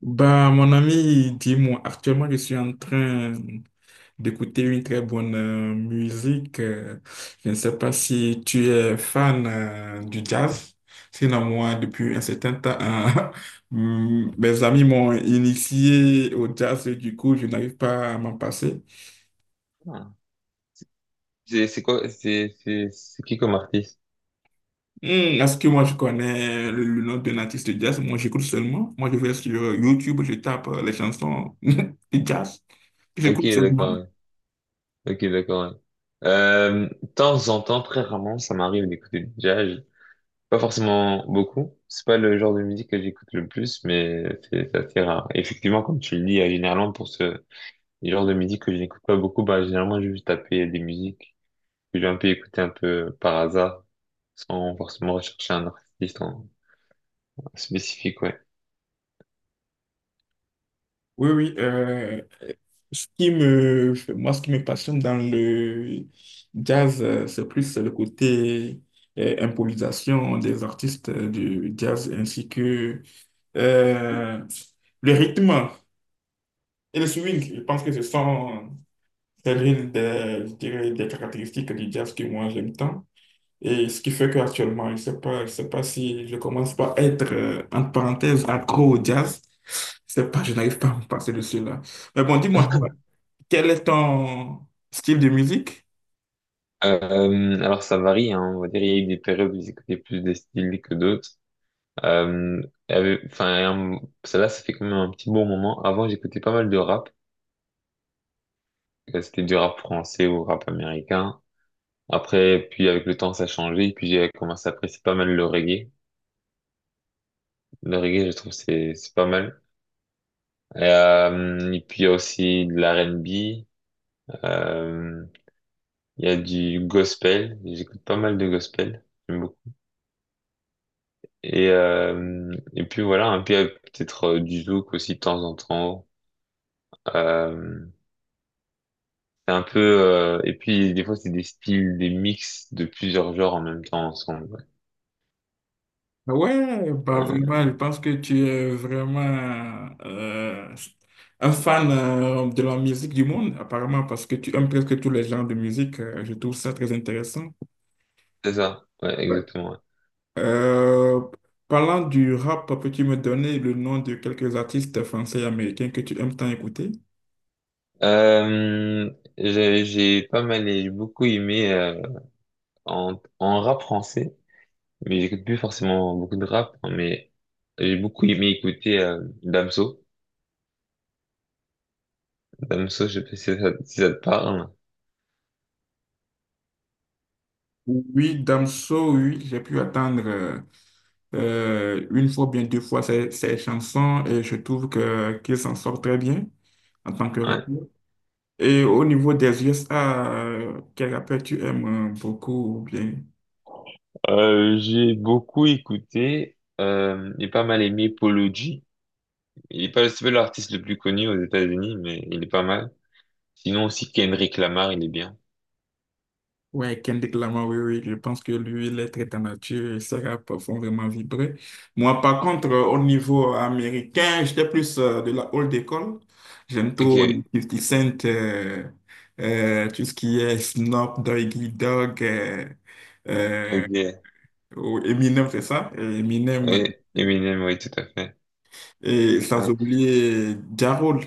Bah, mon ami, dis-moi, actuellement, je suis en train d'écouter une très bonne musique. Je ne sais pas si tu es fan du jazz. Sinon, moi, depuis un certain temps, mes amis m'ont initié au jazz et du coup, je n'arrive pas à m'en passer. Ah. C'est quoi? C'est qui comme artiste? Hmm, Est-ce que moi, je connais le nom d'un artiste de jazz? Moi, j'écoute seulement. Moi, je vais sur YouTube, je tape les chansons du jazz. Ok, J'écoute seulement. d'accord. Ouais. Ok, d'accord. Ouais. De temps en temps, très rarement, ça m'arrive d'écouter du jazz. Pas forcément beaucoup. C'est pas le genre de musique que j'écoute le plus, mais c'est assez rare. Effectivement, comme tu le dis, généralement pour ce les genres de musique que je n'écoute pas beaucoup, bah généralement je vais juste taper des musiques que j'ai un peu écoutées un peu par hasard, sans forcément rechercher un artiste en spécifique, ouais. Oui, oui. Moi, ce qui me passionne dans le jazz, c'est plus le côté improvisation des artistes du jazz ainsi que euh, le rythme et le swing. Je pense que ce sont c'est l'une des, je dirais, des caractéristiques du jazz que moi j'aime tant. Et ce qui fait qu'actuellement, je sais pas si je commence pas à être, entre parenthèses, accro au jazz. Je sais pas, je n'arrive pas à me passer de celui-là. Mais bon, dis-moi, toi, quel est ton style de musique? Alors ça varie, hein, on va dire il y a eu des périodes où ils écoutaient plus des styles que d'autres. Euh, enfin, un- celle-là, ça fait quand même un petit bon moment. Avant, j'écoutais pas mal de rap. C'était du rap français ou rap américain. Après, puis avec le temps, ça a changé. Puis j'ai commencé à apprécier pas mal le reggae. Le reggae, je trouve, c'est pas mal. Et puis il y a aussi de l'R&B. Euh, il y a du gospel. J'écoute pas mal de gospel. J'aime beaucoup. Et puis voilà, un peu peut-être du zouk aussi de temps en temps. Euh, c'est un peu et puis des fois c'est des styles, des mix de plusieurs genres en même temps ensemble. Ouais. Ah ouais, bah Hein, vraiment, je pense que tu es vraiment un fan de la musique du monde, apparemment, parce que tu aimes presque tous les genres de musique. Je trouve ça très intéressant. c'est ça, ouais, exactement. Ouais. Euh, parlant du rap, peux-tu me donner le nom de quelques artistes français et américains que tu aimes tant écouter? Euh, j'ai pas mal, et j'ai beaucoup aimé en rap français, mais j'écoute plus forcément beaucoup de rap, hein, mais j'ai beaucoup aimé écouter Damso. Damso, je sais pas si ça te parle. Oui, Damso, oui, j'ai pu attendre une fois, bien deux fois ses chansons et je trouve que qu'il s'en sort très bien en tant que Ouais. rappeur. Et au niveau des USA, quel rappeur tu aimes beaucoup ou bien? J'ai beaucoup écouté et pas mal aimé Polo G. Il est pas, c'est pas l'artiste le plus connu aux États-Unis, mais il est pas mal. Sinon aussi Kendrick Lamar, il est bien. Ouais, Kendrick Lamar, oui, oui, je pense que lui, il est très en nature et ses rap font vraiment vibrer. Moi, par contre, au niveau américain, j'étais plus de la old école. J'aime trop Ok, 50 Cent, tout ce qui est Snoop Doggy Dogg, euh, ok, ou Eminem, c'est ça? Eminem, ouais, Eminem, oui, tout à fait. et sans Ouais. oublier Ja Rule.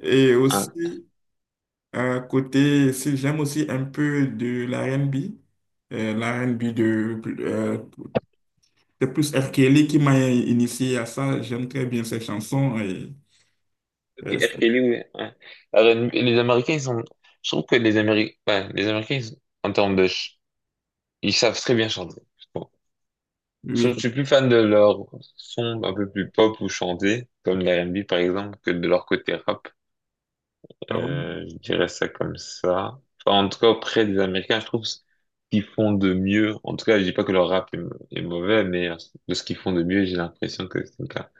Et Ah, aussi, côté, si j'aime aussi un peu de l'R&B, de, de plus R. Kelly qui m'a initié à ça. J'aime très bien ses chansons. Et, ok, euh, R. Kelly, oui. Ouais. Alors, les Américains, ils sont, je trouve que les Américains, ouais, les Américains, en termes de, ils savent très bien chanter, je trouve. Je oui, je suis plus fan de leur son un peu plus pop ou chanté, comme l'R&B par exemple, que de leur côté rap. ah ouais. Je dirais ça comme ça. Enfin, en tout cas, auprès des Américains, je trouve ce qu'ils font de mieux. En tout cas, je dis pas que leur rap est mauvais, mais de ce qu'ils font de mieux, j'ai l'impression que c'est le cas.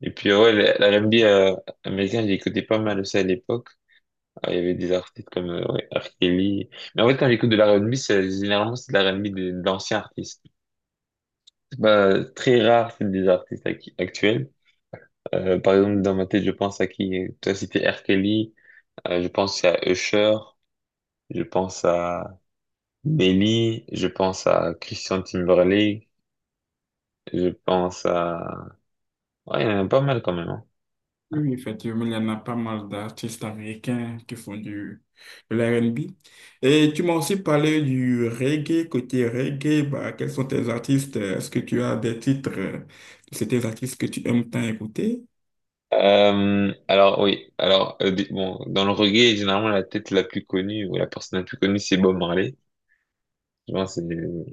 Et puis, ouais, la R&B américain, j'ai écouté pas mal aussi à l'époque. Ah, il y avait des artistes comme ouais, R. Kelly. Mais en fait, quand j'écoute de la R&B, c'est généralement c'est de la R&B d'anciens artistes. C'est pas très rare, c'est des artistes actuels. Par exemple, dans ma tête, je pense à qui? Toi, c'était R. Kelly. Je pense à Usher. Je pense à Nelly, je pense à Christian Timberlake, je pense à... Ouais, il y en a pas mal quand même. Hein. Oui, oui, effectivement, il y en a pas mal d'artistes américains qui font de l'R&B. Et tu m'as aussi parlé du reggae, côté reggae, bah, quels sont tes artistes? Est-ce que tu as des titres de ces artistes que tu aimes tant écouter? Alors oui, alors bon, dans le reggae, généralement la tête la plus connue ou la personne la plus connue, c'est Bob Marley. Je pense que c'est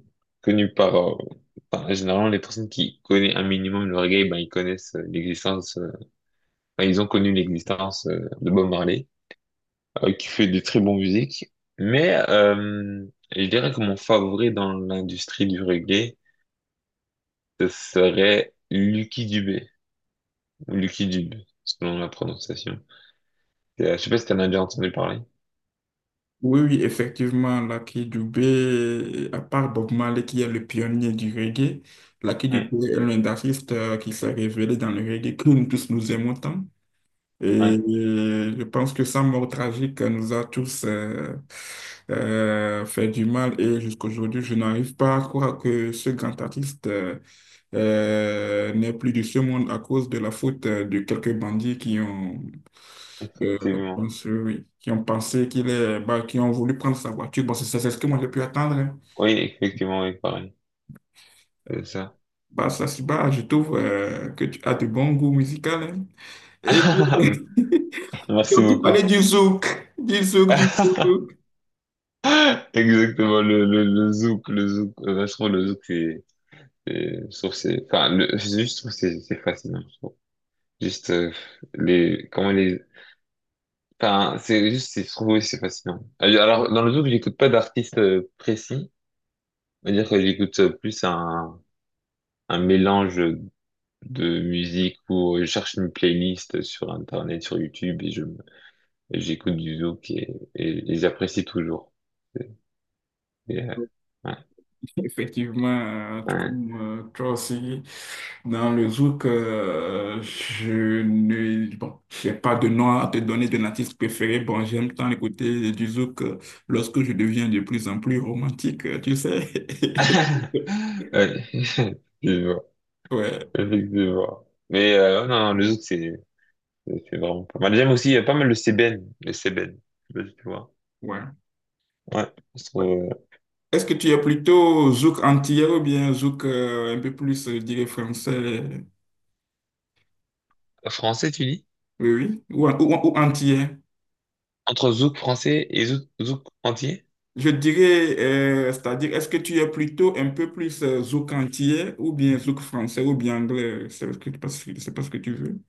connu par, généralement les personnes qui connaissent un minimum le reggae, ben ils connaissent l'existence, ben, ils ont connu l'existence de Bob Marley. Qui fait des très bonnes musiques. Mais je dirais que mon favori dans l'industrie du reggae, ce serait Lucky Dubé, ou Lucky Dube, selon la prononciation. Je sais pas si t'en as déjà entendu parler. Oui, oui, effectivement, Lucky Dubé, à part Bob Marley qui est le pionnier du reggae, Lucky Ouais, Dubé est l'un des artistes qui s'est révélé dans le reggae que nous tous nous aimons tant. Et ouais, je pense que sa mort tragique nous a tous fait du mal et jusqu'aujourd'hui, je n'arrive pas à croire que ce grand artiste n'est plus de ce monde à cause de la faute de quelques bandits qui ont euh, effectivement. Oui, oui, qui ont pensé qui ont voulu prendre sa voiture. Bon, c'est ce que moi j'ai pu attendre, hein. Oui, effectivement, oui, pareil. C'est ça. Bah, ça, c'est bah, je trouve que tu as de bons goûts musicaux, hein. Et tu, Merci tu beaucoup. parlais du zouk, du zouk, du zouk. Exactement, le zouk, le zouk. Je trouve le zouk, je trouve c'est, enfin, je juste trouve que c'est fascinant, je trouve. Juste, les, comment les, enfin, c'est juste, je trouve aussi c'est fascinant. Alors, dans le zouk, j'écoute pas d'artiste précis. C'est à dire que j'écoute plus un mélange de musique où je cherche une playlist sur Internet, sur YouTube et et j'écoute du zouk et j'apprécie toujours. Et, euh, ouais, Effectivement, tout ouais. comme toi aussi, dans le zouk, je ne, bon, j'ai pas de nom à te donner de l'artiste préféré. Bon, j'aime tant écouter du zouk lorsque je deviens de plus en plus romantique, tu sais. Ouais, effectivement, Ouais, effectivement. Mais ouais, non, non, le zouk, c'est vraiment pas mal. J'aime aussi, il y a pas mal le sébène, le sébène. Je sais pas si tu vois. ouais, Ouais, je ouais. trouve, Est-ce que tu es plutôt zouk antillais ou bien zouk un peu plus, je dirais, français? français, tu dis? Oui, oui. Ou antillais? Entre zouk français et zouk entier? Je dirais, c'est-à-dire, est-ce que tu es plutôt un peu plus zouk antillais ou bien zouk français ou bien anglais? C'est pas ce que tu veux.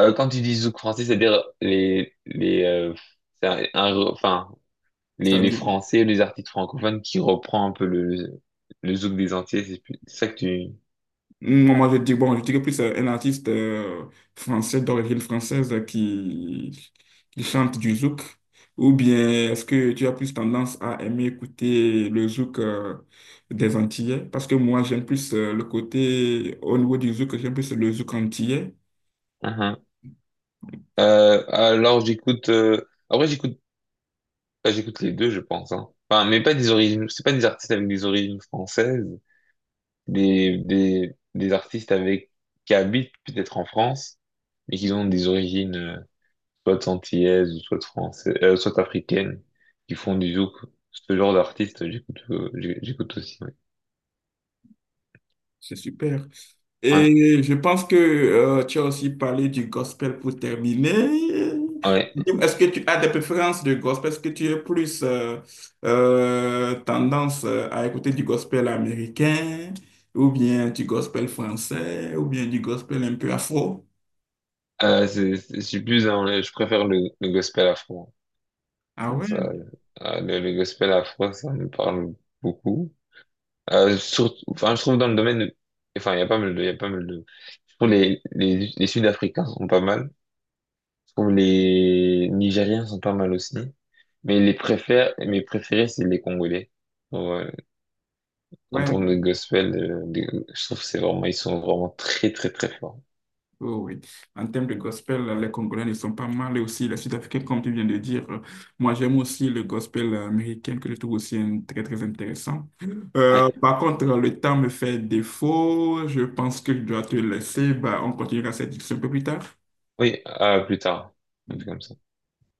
Quand tu dis zouk français, c'est-à-dire c'est un enfin, les C'est-à-dire, Français, les artistes francophones qui reprend un peu le zouk des entiers, c'est ça que tu... moi, je dis, bon, je dirais plus un artiste français d'origine française qui chante du zouk. Ou bien est-ce que tu as plus tendance à aimer écouter le zouk des Antillais? Parce que moi, j'aime plus le côté, au niveau du zouk, j'aime plus le zouk antillais. Mhm. Alors j'écoute... Après j'écoute les deux, je pense. Hein. Enfin, mais pas des origines... C'est pas des artistes avec des origines françaises, des artistes avec qui habitent peut-être en France, mais qui ont des origines... soit antillaise, ou soit française, soit africaine, qui font du zouk. Ce genre d'artiste, j'écoute, j'écoute aussi, ouais. C'est super. Ouais, Et je pense que tu as aussi parlé du gospel pour terminer. ouais. Est-ce que tu as des préférences de gospel? Est-ce que tu es plus tendance à écouter du gospel américain ou bien du gospel français ou bien du gospel un peu afro? Je suis plus je préfère le gospel afro. Ah Ça, ouais, ça, le gospel afro, ça me parle beaucoup. Enfin, je trouve dans le domaine, enfin, il y a pas mal de, je trouve les Sud-Africains sont pas mal. Je trouve les Nigériens sont pas mal aussi. Mais mes préférés, c'est les Congolais. Ouais, en ouais. termes de gospel, je trouve que c'est vraiment, ils sont vraiment très très très forts. Oh oui. En termes de gospel, les Congolais ne sont pas mal et aussi les Sud-Africains, comme tu viens de dire. Moi, j'aime aussi le gospel américain que je trouve aussi très, très intéressant. Euh, Ouais. par contre, le temps me fait défaut. Je pense que je dois te laisser. Bah, on continuera cette discussion un peu plus tard. Oui, à plus tard. Un peu comme ça.